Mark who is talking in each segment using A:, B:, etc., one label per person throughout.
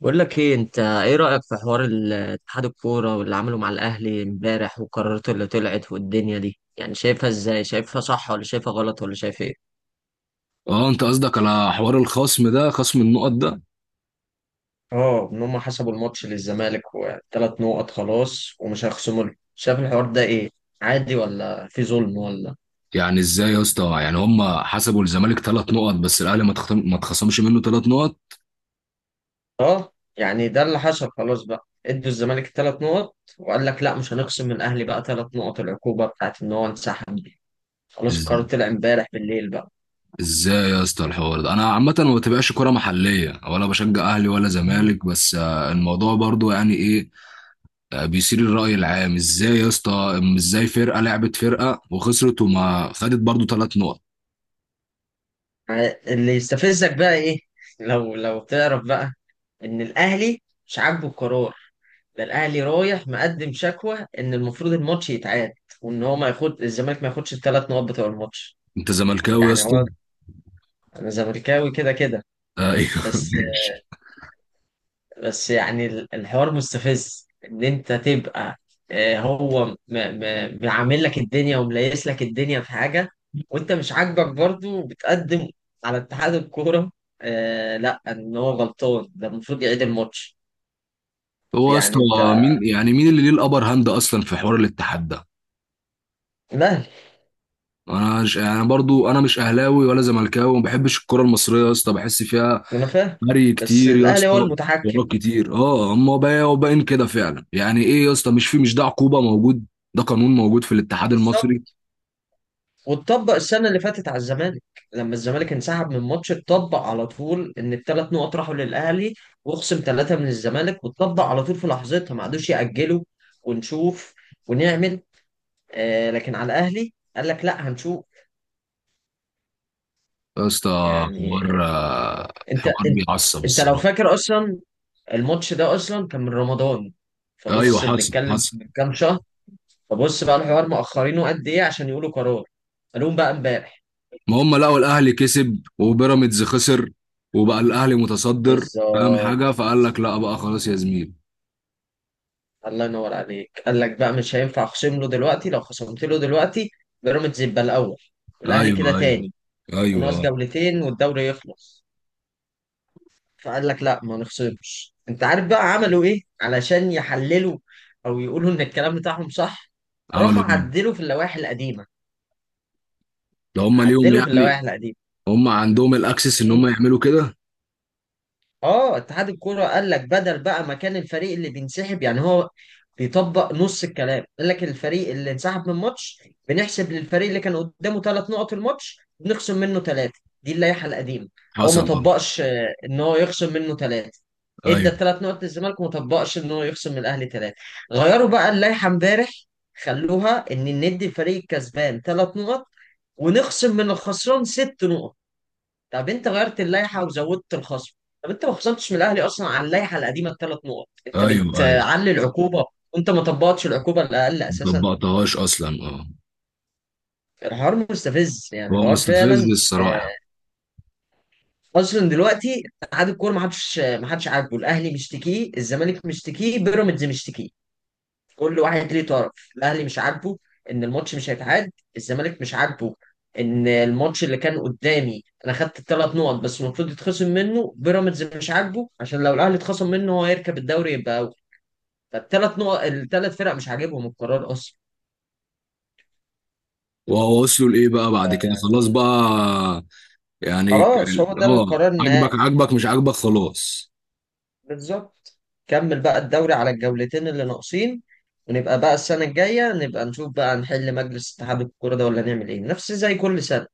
A: بقول لك ايه؟ انت ايه رأيك في حوار اتحاد الكورة واللي عمله مع الاهلي امبارح وقراراته اللي طلعت والدنيا دي؟ يعني شايفها ازاي؟ شايفها صح ولا شايفها غلط ولا شايف ايه؟
B: اه، انت قصدك على حوار الخصم ده، خصم النقط ده؟
A: اه، ان هم حسبوا الماتش للزمالك وثلاث نقط خلاص ومش هيخصموا له. شايف الحوار ده ايه؟ عادي ولا في ظلم ولا؟
B: يعني ازاي يا اسطى؟ يعني هم حسبوا الزمالك ثلاث نقط بس الاهلي ما تخصم، ما اتخصمش منه ثلاث نقط.
A: اه يعني ده اللي حصل. خلاص بقى ادوا الزمالك ثلاث نقط وقال لك لا مش هنخصم من الاهلي بقى ثلاث نقط، العقوبه بتاعت ان هو انسحب دي. خلاص القرار
B: إز-
A: طلع امبارح بالليل.
B: ازاي يا اسطى الحوار ده؟ انا عامه ما بتابعش كوره محليه ولا بشجع اهلي ولا
A: بقى
B: زمالك، بس الموضوع برضو يعني ايه؟ بيثير الراي العام ازاي يا اسطى؟ ازاي فرقه لعبت فرقه وخسرت وما خدت برضو ثلاث نقط؟
A: اللي يستفزك بقى ايه؟ لو تعرف بقى ان الاهلي مش عاجبه القرار، ده الاهلي رايح مقدم شكوى ان المفروض الماتش يتعاد، وان هو ما ياخد الزمالك ما ياخدش الثلاث نقط بتوع الماتش.
B: انت زملكاوي يا
A: يعني
B: اسطى؟
A: هو انا زملكاوي كده كده،
B: ايوه
A: بس
B: ماشي.
A: بس يعني الحوار مستفز ان انت تبقى هو معامل لك الدنيا ومليس لك الدنيا في حاجه، وانت مش عاجبك برضو وبتقدم على اتحاد الكوره. لا ان هو غلطان، ده المفروض يعيد الماتش.
B: هو يا
A: يعني
B: اسطى،
A: انت
B: مين يعني، مين اللي ليه الابر هاند اصلا في حوار الاتحاد ده؟
A: الاهلي.
B: انا مش يعني، برضو انا مش اهلاوي ولا زملكاوي، وما بحبش الكره المصريه يا اسطى، بحس فيها
A: انا فاهم
B: هري
A: بس
B: كتير يا
A: الاهلي هو
B: اسطى، اختيارات
A: المتحكم.
B: كتير. اه، اما بقى وباين كده فعلا، يعني ايه يا اسطى؟ مش في، مش ده عقوبه موجود؟ ده قانون موجود في الاتحاد المصري
A: بالظبط. واتطبق السنة اللي فاتت على الزمالك، لما الزمالك انسحب من ماتش اتطبق على طول ان الثلاث نقط راحوا للأهلي واخصم ثلاثة من الزمالك، واتطبق على طول في لحظتها ما عادوش يأجلوا ونشوف ونعمل. لكن على الأهلي قال لك لا هنشوف.
B: يا اسطى.
A: يعني
B: حوار،
A: انت
B: حوار
A: انت,
B: بيعصب
A: انت لو
B: الصراحه.
A: فاكر اصلا الماتش ده اصلا كان من رمضان،
B: ايوه
A: فبص
B: حصل
A: بنتكلم
B: حصل.
A: من كام شهر. فبص بقى الحوار مأخرينه قد ايه عشان يقولوا قرار، قالوهم بقى امبارح.
B: ما هم لقوا الاهلي كسب وبيراميدز خسر، وبقى الاهلي متصدر، فاهم
A: بالظبط.
B: حاجه، فقال لك لا بقى، خلاص يا زميل.
A: الله ينور عليك، قال لك بقى مش هينفع اخصم له دلوقتي، لو خصمت له دلوقتي بيراميدز يبقى الاول والاهلي
B: ايوه
A: كده
B: ايوه.
A: تاني،
B: ايوه
A: وناقص
B: آه.
A: جولتين والدوري يخلص. فقال لك لا ما نخصمش. انت عارف بقى عملوا ايه علشان يحللوا او يقولوا ان الكلام بتاعهم صح؟ راحوا
B: عملوا ايه؟
A: عدلوا في اللوائح القديمه،
B: ده هم ليهم
A: عدلوا في اللوائح
B: يعني؟
A: القديمه.
B: هم عندهم الاكسس ان هم يعملوا كده؟
A: اه، اتحاد الكوره قال لك بدل بقى مكان الفريق اللي بينسحب يعني هو بيطبق نص الكلام، قال لك الفريق اللي انسحب من الماتش بنحسب للفريق اللي كان قدامه ثلاث نقط الماتش، بنخصم منه ثلاثه، دي اللائحه القديمه. هو ما
B: حصل اه.
A: طبقش ان هو يخصم منه ثلاثه، ادى
B: ايوه.
A: الثلاث نقط للزمالك وما طبقش ان هو يخصم من الاهلي ثلاثه. غيروا بقى اللائحه امبارح، خلوها ان ندي الفريق الكسبان ثلاث نقط ونخصم من الخسران ست نقط. طب انت غيرت اللائحه وزودت الخصم، طب انت ما خصمتش من الاهلي اصلا على اللائحه القديمه الثلاث نقط، انت
B: ايوه ايوه.
A: بتعلي العقوبه، وانت ما طبقتش العقوبه الاقل
B: ما
A: اساسا.
B: طبقتهاش اصلا، اه.
A: الحوار مستفز يعني،
B: هو
A: الحوار
B: مستفز
A: فعلا
B: الصراحه.
A: آه، اصلا دلوقتي اتحاد الكوره ما حدش عاجبه، الاهلي مشتكيه، الزمالك مشتكيه، بيراميدز مشتكيه. كل واحد ليه طرف، الاهلي مش عاجبه ان الماتش مش هيتعاد، الزمالك مش عاجبه ان الماتش اللي كان قدامي انا خدت الثلاث نقط بس المفروض يتخصم منه، بيراميدز مش عاجبه عشان لو الاهلي اتخصم منه هو هيركب الدوري يبقى اول، فالثلاث نقط، الثلاث فرق مش عاجبهم القرار اصلا.
B: وهو وصلوا لايه بقى بعد كده؟ خلاص بقى. يعني ك-
A: خلاص هو ده
B: اه،
A: القرار النهائي.
B: عاجبك عاجبك، مش عاجبك خلاص.
A: بالظبط. كمل بقى الدوري على الجولتين اللي ناقصين، ونبقى بقى السنة الجاية نبقى نشوف بقى نحل مجلس اتحاد الكورة ده ولا نعمل ايه نفس زي كل سنة.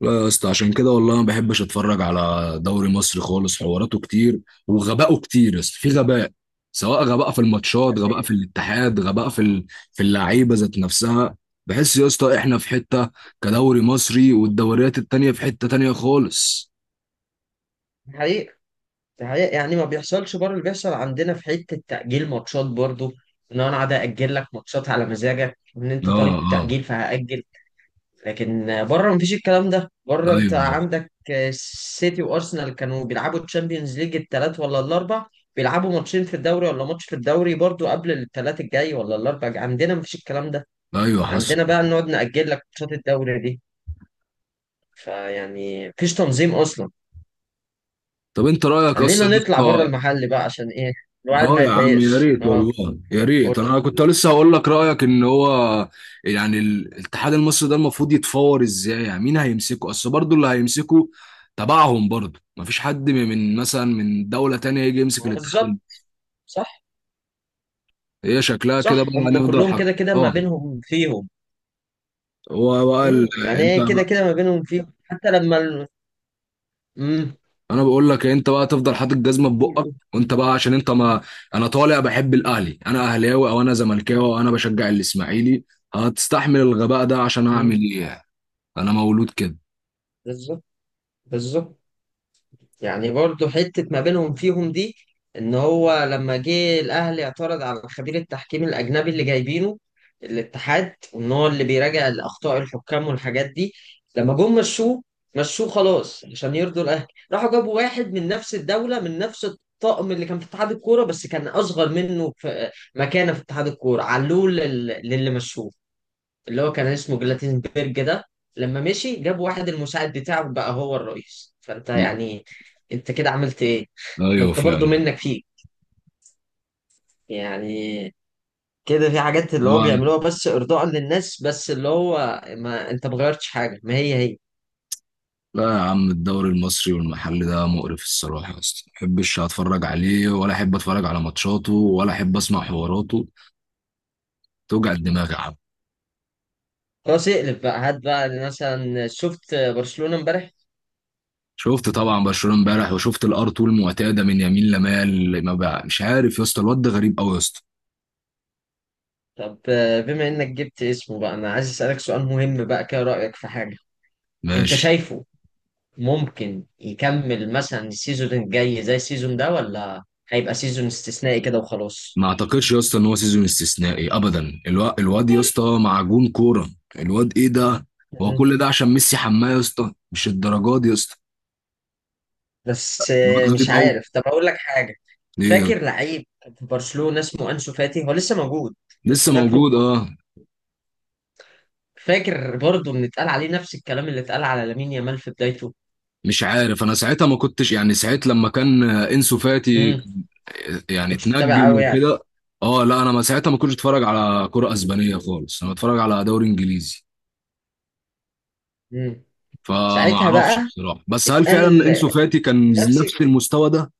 B: لا يا اسطى، عشان كده والله ما بحبش اتفرج على دوري مصر خالص، حواراته كتير وغبائه كتير يا اسطى، في غباء، سواء غباء في الماتشات، غباء في الاتحاد، غباء في ال... في اللعيبه ذات نفسها. بحس يا اسطى احنا في حته كدوري مصري، والدوريات التانيه في حته تانيه خالص.
A: حقيقي، ده حقيقة. يعني ما بيحصلش بره اللي بيحصل عندنا في حتة تأجيل ماتشات برضو، ان انا قاعد اجل لك ماتشات على مزاجك ان انت
B: اه
A: طالب
B: اه.
A: تأجيل فهأجل. لكن بره مفيش الكلام ده، بره انت
B: ايوه
A: عندك سيتي وارسنال كانوا بيلعبوا تشامبيونز ليج الثلاث ولا الاربع، بيلعبوا ماتشين في الدوري ولا ماتش في الدوري برضو قبل الثلاث الجاي ولا الاربع. عندنا مفيش الكلام ده،
B: ايوه حصل.
A: عندنا بقى نقعد نأجل لك ماتشات الدوري دي، فيعني مفيش تنظيم اصلا.
B: طب انت رايك
A: خلينا
B: اصلا؟
A: نطلع بره المحل بقى، عشان ايه الواحد
B: اه
A: ما
B: يا عم، يا
A: يتضايقش.
B: ريت
A: اه،
B: والله، يا ريت.
A: قول.
B: انا كنت لسه هقول لك رايك ان هو الاتحاد المصري ده المفروض يتفور ازاي؟ يعني مين هيمسكه؟ اصل برضه اللي هيمسكه تبعهم برضه، مفيش حد من، من مثلا من دوله تانية يجي
A: ما
B: يمسك
A: هو
B: الاتحاد
A: بالظبط.
B: المصري.
A: صح.
B: هي شكلها كده بقى،
A: صح، هم
B: هنفضل
A: كلهم
B: حق.
A: كده كده ما
B: اه.
A: بينهم فيهم.
B: هو بقى ال-
A: مم. يعني
B: انت
A: ايه كده
B: بقى
A: كده ما بينهم فيهم حتى لما ال... مم.
B: انا بقول لك، انت بقى تفضل حاطط جزمه في
A: قول
B: بقك،
A: قول.
B: وانت بقى عشان انت ما انا طالع بحب الاهلي، انا اهلاوي، او انا زملكاوي، او انا بشجع الاسماعيلي، هتستحمل الغباء ده عشان
A: مم.
B: اعمل ايه يعني؟ انا مولود كده.
A: بالظبط. بالظبط، يعني برضو حتة ما بينهم فيهم دي، ان هو لما جه الاهلي اعترض على خبير التحكيم الاجنبي اللي جايبينه الاتحاد وان هو اللي بيراجع الاخطاء الحكام والحاجات دي، لما جم مشوه، مشوه خلاص عشان يرضوا الاهلي، راحوا جابوا واحد من نفس الدولة من نفس الطقم اللي كان في اتحاد الكورة بس كان اصغر منه في مكانة في اتحاد الكورة، علوه للي مشوه اللي هو كان اسمه جلاتينبرج ده. لما مشي جاب واحد المساعد بتاعه بقى هو الرئيس، فانت يعني انت كده عملت ايه؟ ما
B: ايوه
A: انت برضو
B: فعلا.
A: منك فيك يعني، كده في حاجات اللي
B: هو،
A: هو بيعملوها بس ارضاء للناس بس، اللي هو ما انت ما غيرتش حاجه، ما هي هي.
B: لا يا عم، الدوري المصري والمحلي ده مقرف الصراحه، اصلا ما احبش اتفرج عليه، ولا احب اتفرج على ماتشاته، ولا احب اسمع حواراته، توجع الدماغ يا عم.
A: خلاص اقلب بقى، هات بقى مثلا شفت برشلونه امبارح.
B: شفت طبعا برشلونه امبارح، وشفت الار طول المعتاده من يمين لمال، ما بقى مش عارف يا اسطى، الواد ده غريب قوي يا اسطى.
A: طب بما انك جبت اسمه بقى انا عايز اسالك سؤال مهم بقى كده، رايك في حاجه. انت
B: ماشي.
A: شايفه ممكن يكمل مثلا السيزون الجاي زي السيزون ده ولا هيبقى سيزون استثنائي كده وخلاص؟
B: ما اعتقدش يا اسطى ان هو سيزون استثنائي ابدا، الواد يا اسطى معجون كوره. الواد ايه ده؟ هو
A: مم.
B: كل ده عشان ميسي حماه يا اسطى؟ مش الدرجات دي يا اسطى.
A: بس
B: الواد غريب
A: مش
B: قوي.
A: عارف، طب اقول لك حاجة.
B: ايه؟
A: فاكر لعيب في برشلونة اسمه انسو فاتي؟ هو لسه موجود؟ بس
B: لسه
A: فاكره،
B: موجود اه.
A: فاكر برضه ان اتقال عليه نفس الكلام اللي اتقال على لامين يامال في بدايته.
B: مش عارف، انا ساعتها ما كنتش يعني، ساعت لما كان انسو فاتي
A: امم
B: يعني
A: كنتش متابع
B: اتنجم
A: قوي يعني.
B: وكده. اه لا، انا ما ساعتها ما كنتش اتفرج على كرة اسبانية خالص، انا بتفرج على دوري انجليزي،
A: امم
B: فما
A: ساعتها
B: اعرفش
A: بقى
B: بصراحة. بس هل فعلا
A: اتقال
B: انسو فاتي كان
A: نفس
B: نفس المستوى ده؟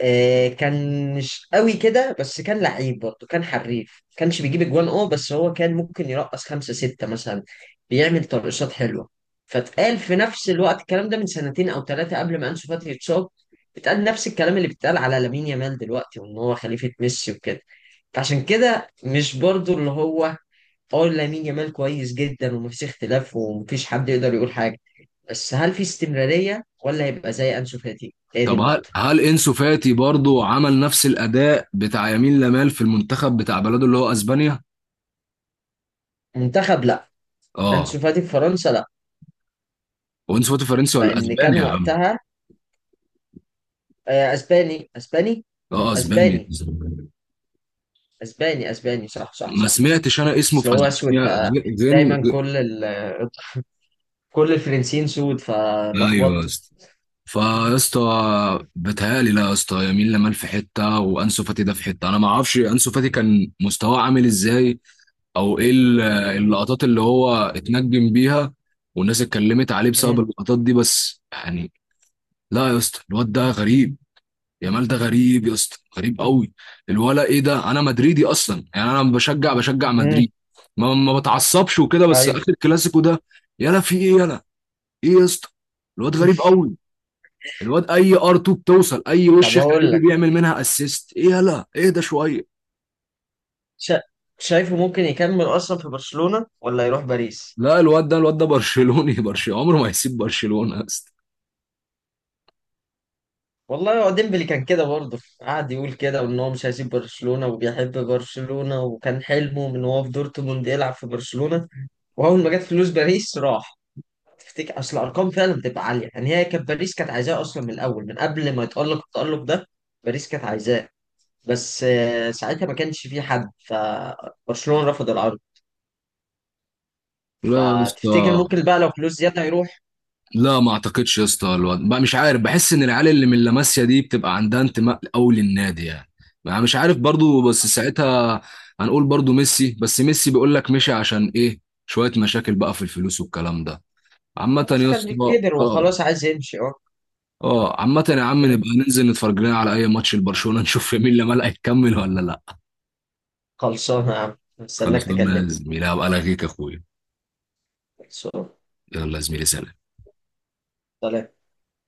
A: كان مش قوي كده بس كان لعيب برضه، كان حريف ما كانش بيجيب اجوان اه بس هو كان ممكن يرقص خمسة ستة مثلا، بيعمل ترقصات حلوة. فاتقال في نفس الوقت الكلام ده من سنتين او ثلاثة قبل ما انسو فاتي يتصاب، اتقال نفس الكلام اللي بيتقال على لامين يامال دلوقتي وان هو خليفة ميسي وكده، فعشان كده مش برضه اللي هو. اه، لامين يامال كويس جدا ومفيش اختلاف ومفيش حد يقدر يقول حاجة، بس هل في استمرارية ولا هيبقى زي انسو فاتي، هي دي
B: طب هل،
A: النقطة.
B: هل انسو فاتي برضو عمل نفس الاداء بتاع يمين لامال في المنتخب بتاع بلده اللي هو اسبانيا؟
A: منتخب لا.
B: اه.
A: انسو فاتي في فرنسا لا.
B: وانسو فاتي فرنسي ولا
A: لان كان
B: اسبانيا يا عم؟
A: وقتها اسباني، اسباني
B: اه اسبانيا.
A: اسباني اسباني اسباني، صح صح
B: ما
A: صح.
B: سمعتش انا اسمه
A: بس
B: في
A: هو اسود
B: اسبانيا. زين
A: فدايما
B: زين-
A: كل ال... كل الفرنسيين سود
B: ايوه يا
A: فلخبطت.
B: اسطى. فيا اسطى بتهيألي، لا يا اسطى، يمين لمال في حته، وانسو فاتي ده في حته. انا ما اعرفش انسو فاتي كان مستواه عامل ازاي، او ايه اللقطات اللي هو اتنجم بيها، والناس اتكلمت عليه بسبب
A: مم.
B: اللقطات دي، بس يعني لا يا اسطى، الواد ده غريب. يامال ده غريب يا اسطى، غريب قوي. الولا ايه ده؟ انا مدريدي اصلا يعني، انا بشجع، بشجع
A: مم.
B: مدريد، ما بتعصبش وكده، بس
A: ايوه.
B: اخر كلاسيكو ده يلا، في ايه؟ ايه يا اسطى؟ الواد غريب قوي. الواد R 2 بتوصل اي
A: طب
B: وش
A: هقول
B: خارجي
A: لك.
B: بيعمل منها اسيست. ايه يلا، اهدى شويه.
A: شا... شايفه ممكن يكمل اصلا في برشلونة ولا يروح باريس؟
B: لا، الواد ده، الواد ده برشلوني برشلوني، عمره ما هيسيب برشلونه يا اسطى.
A: والله هو ديمبلي كان كده برضه، قعد يقول كده وان هو مش هيسيب برشلونة وبيحب برشلونة وكان حلمه من هو في دورتموند يلعب في برشلونة، واول ما جت فلوس باريس راح. تفتكر اصل الارقام فعلا بتبقى عاليه، يعني هي كانت باريس كانت عايزاه اصلا من الاول من قبل ما يتالق التالق ده، باريس كانت عايزاه بس ساعتها ما كانش في حد فبرشلونه رفض العرض،
B: لا يا
A: فتفتكر
B: اسطى.
A: ممكن بقى لو فلوس زياده يروح؟
B: لا ما اعتقدش يا اسطى، الواد بقى مش عارف، بحس ان العيال اللي من لاماسيا دي بتبقى عندها انتماء قوي للنادي يعني. ما مش عارف برضو، بس ساعتها هنقول برضو ميسي، بس ميسي بيقول لك مشي عشان ايه؟ شويه مشاكل بقى في الفلوس والكلام ده. عامة
A: خلاص
B: يا
A: كان
B: اسطى.
A: كبر
B: اه
A: وخلاص عايز يمشي اه.
B: اه. عامة يا عم،
A: م.
B: نبقى ننزل نتفرج لنا على اي ماتش لبرشلونة، نشوف مين اللي ملقى يكمل ولا لا.
A: خلصانه يا عم، استناك
B: خلصنا يا
A: تكلمني.
B: زميلي، هبقى الغيك يا اخويا.
A: خلصانه.
B: يلا يا زميلي، سلام.
A: سلام.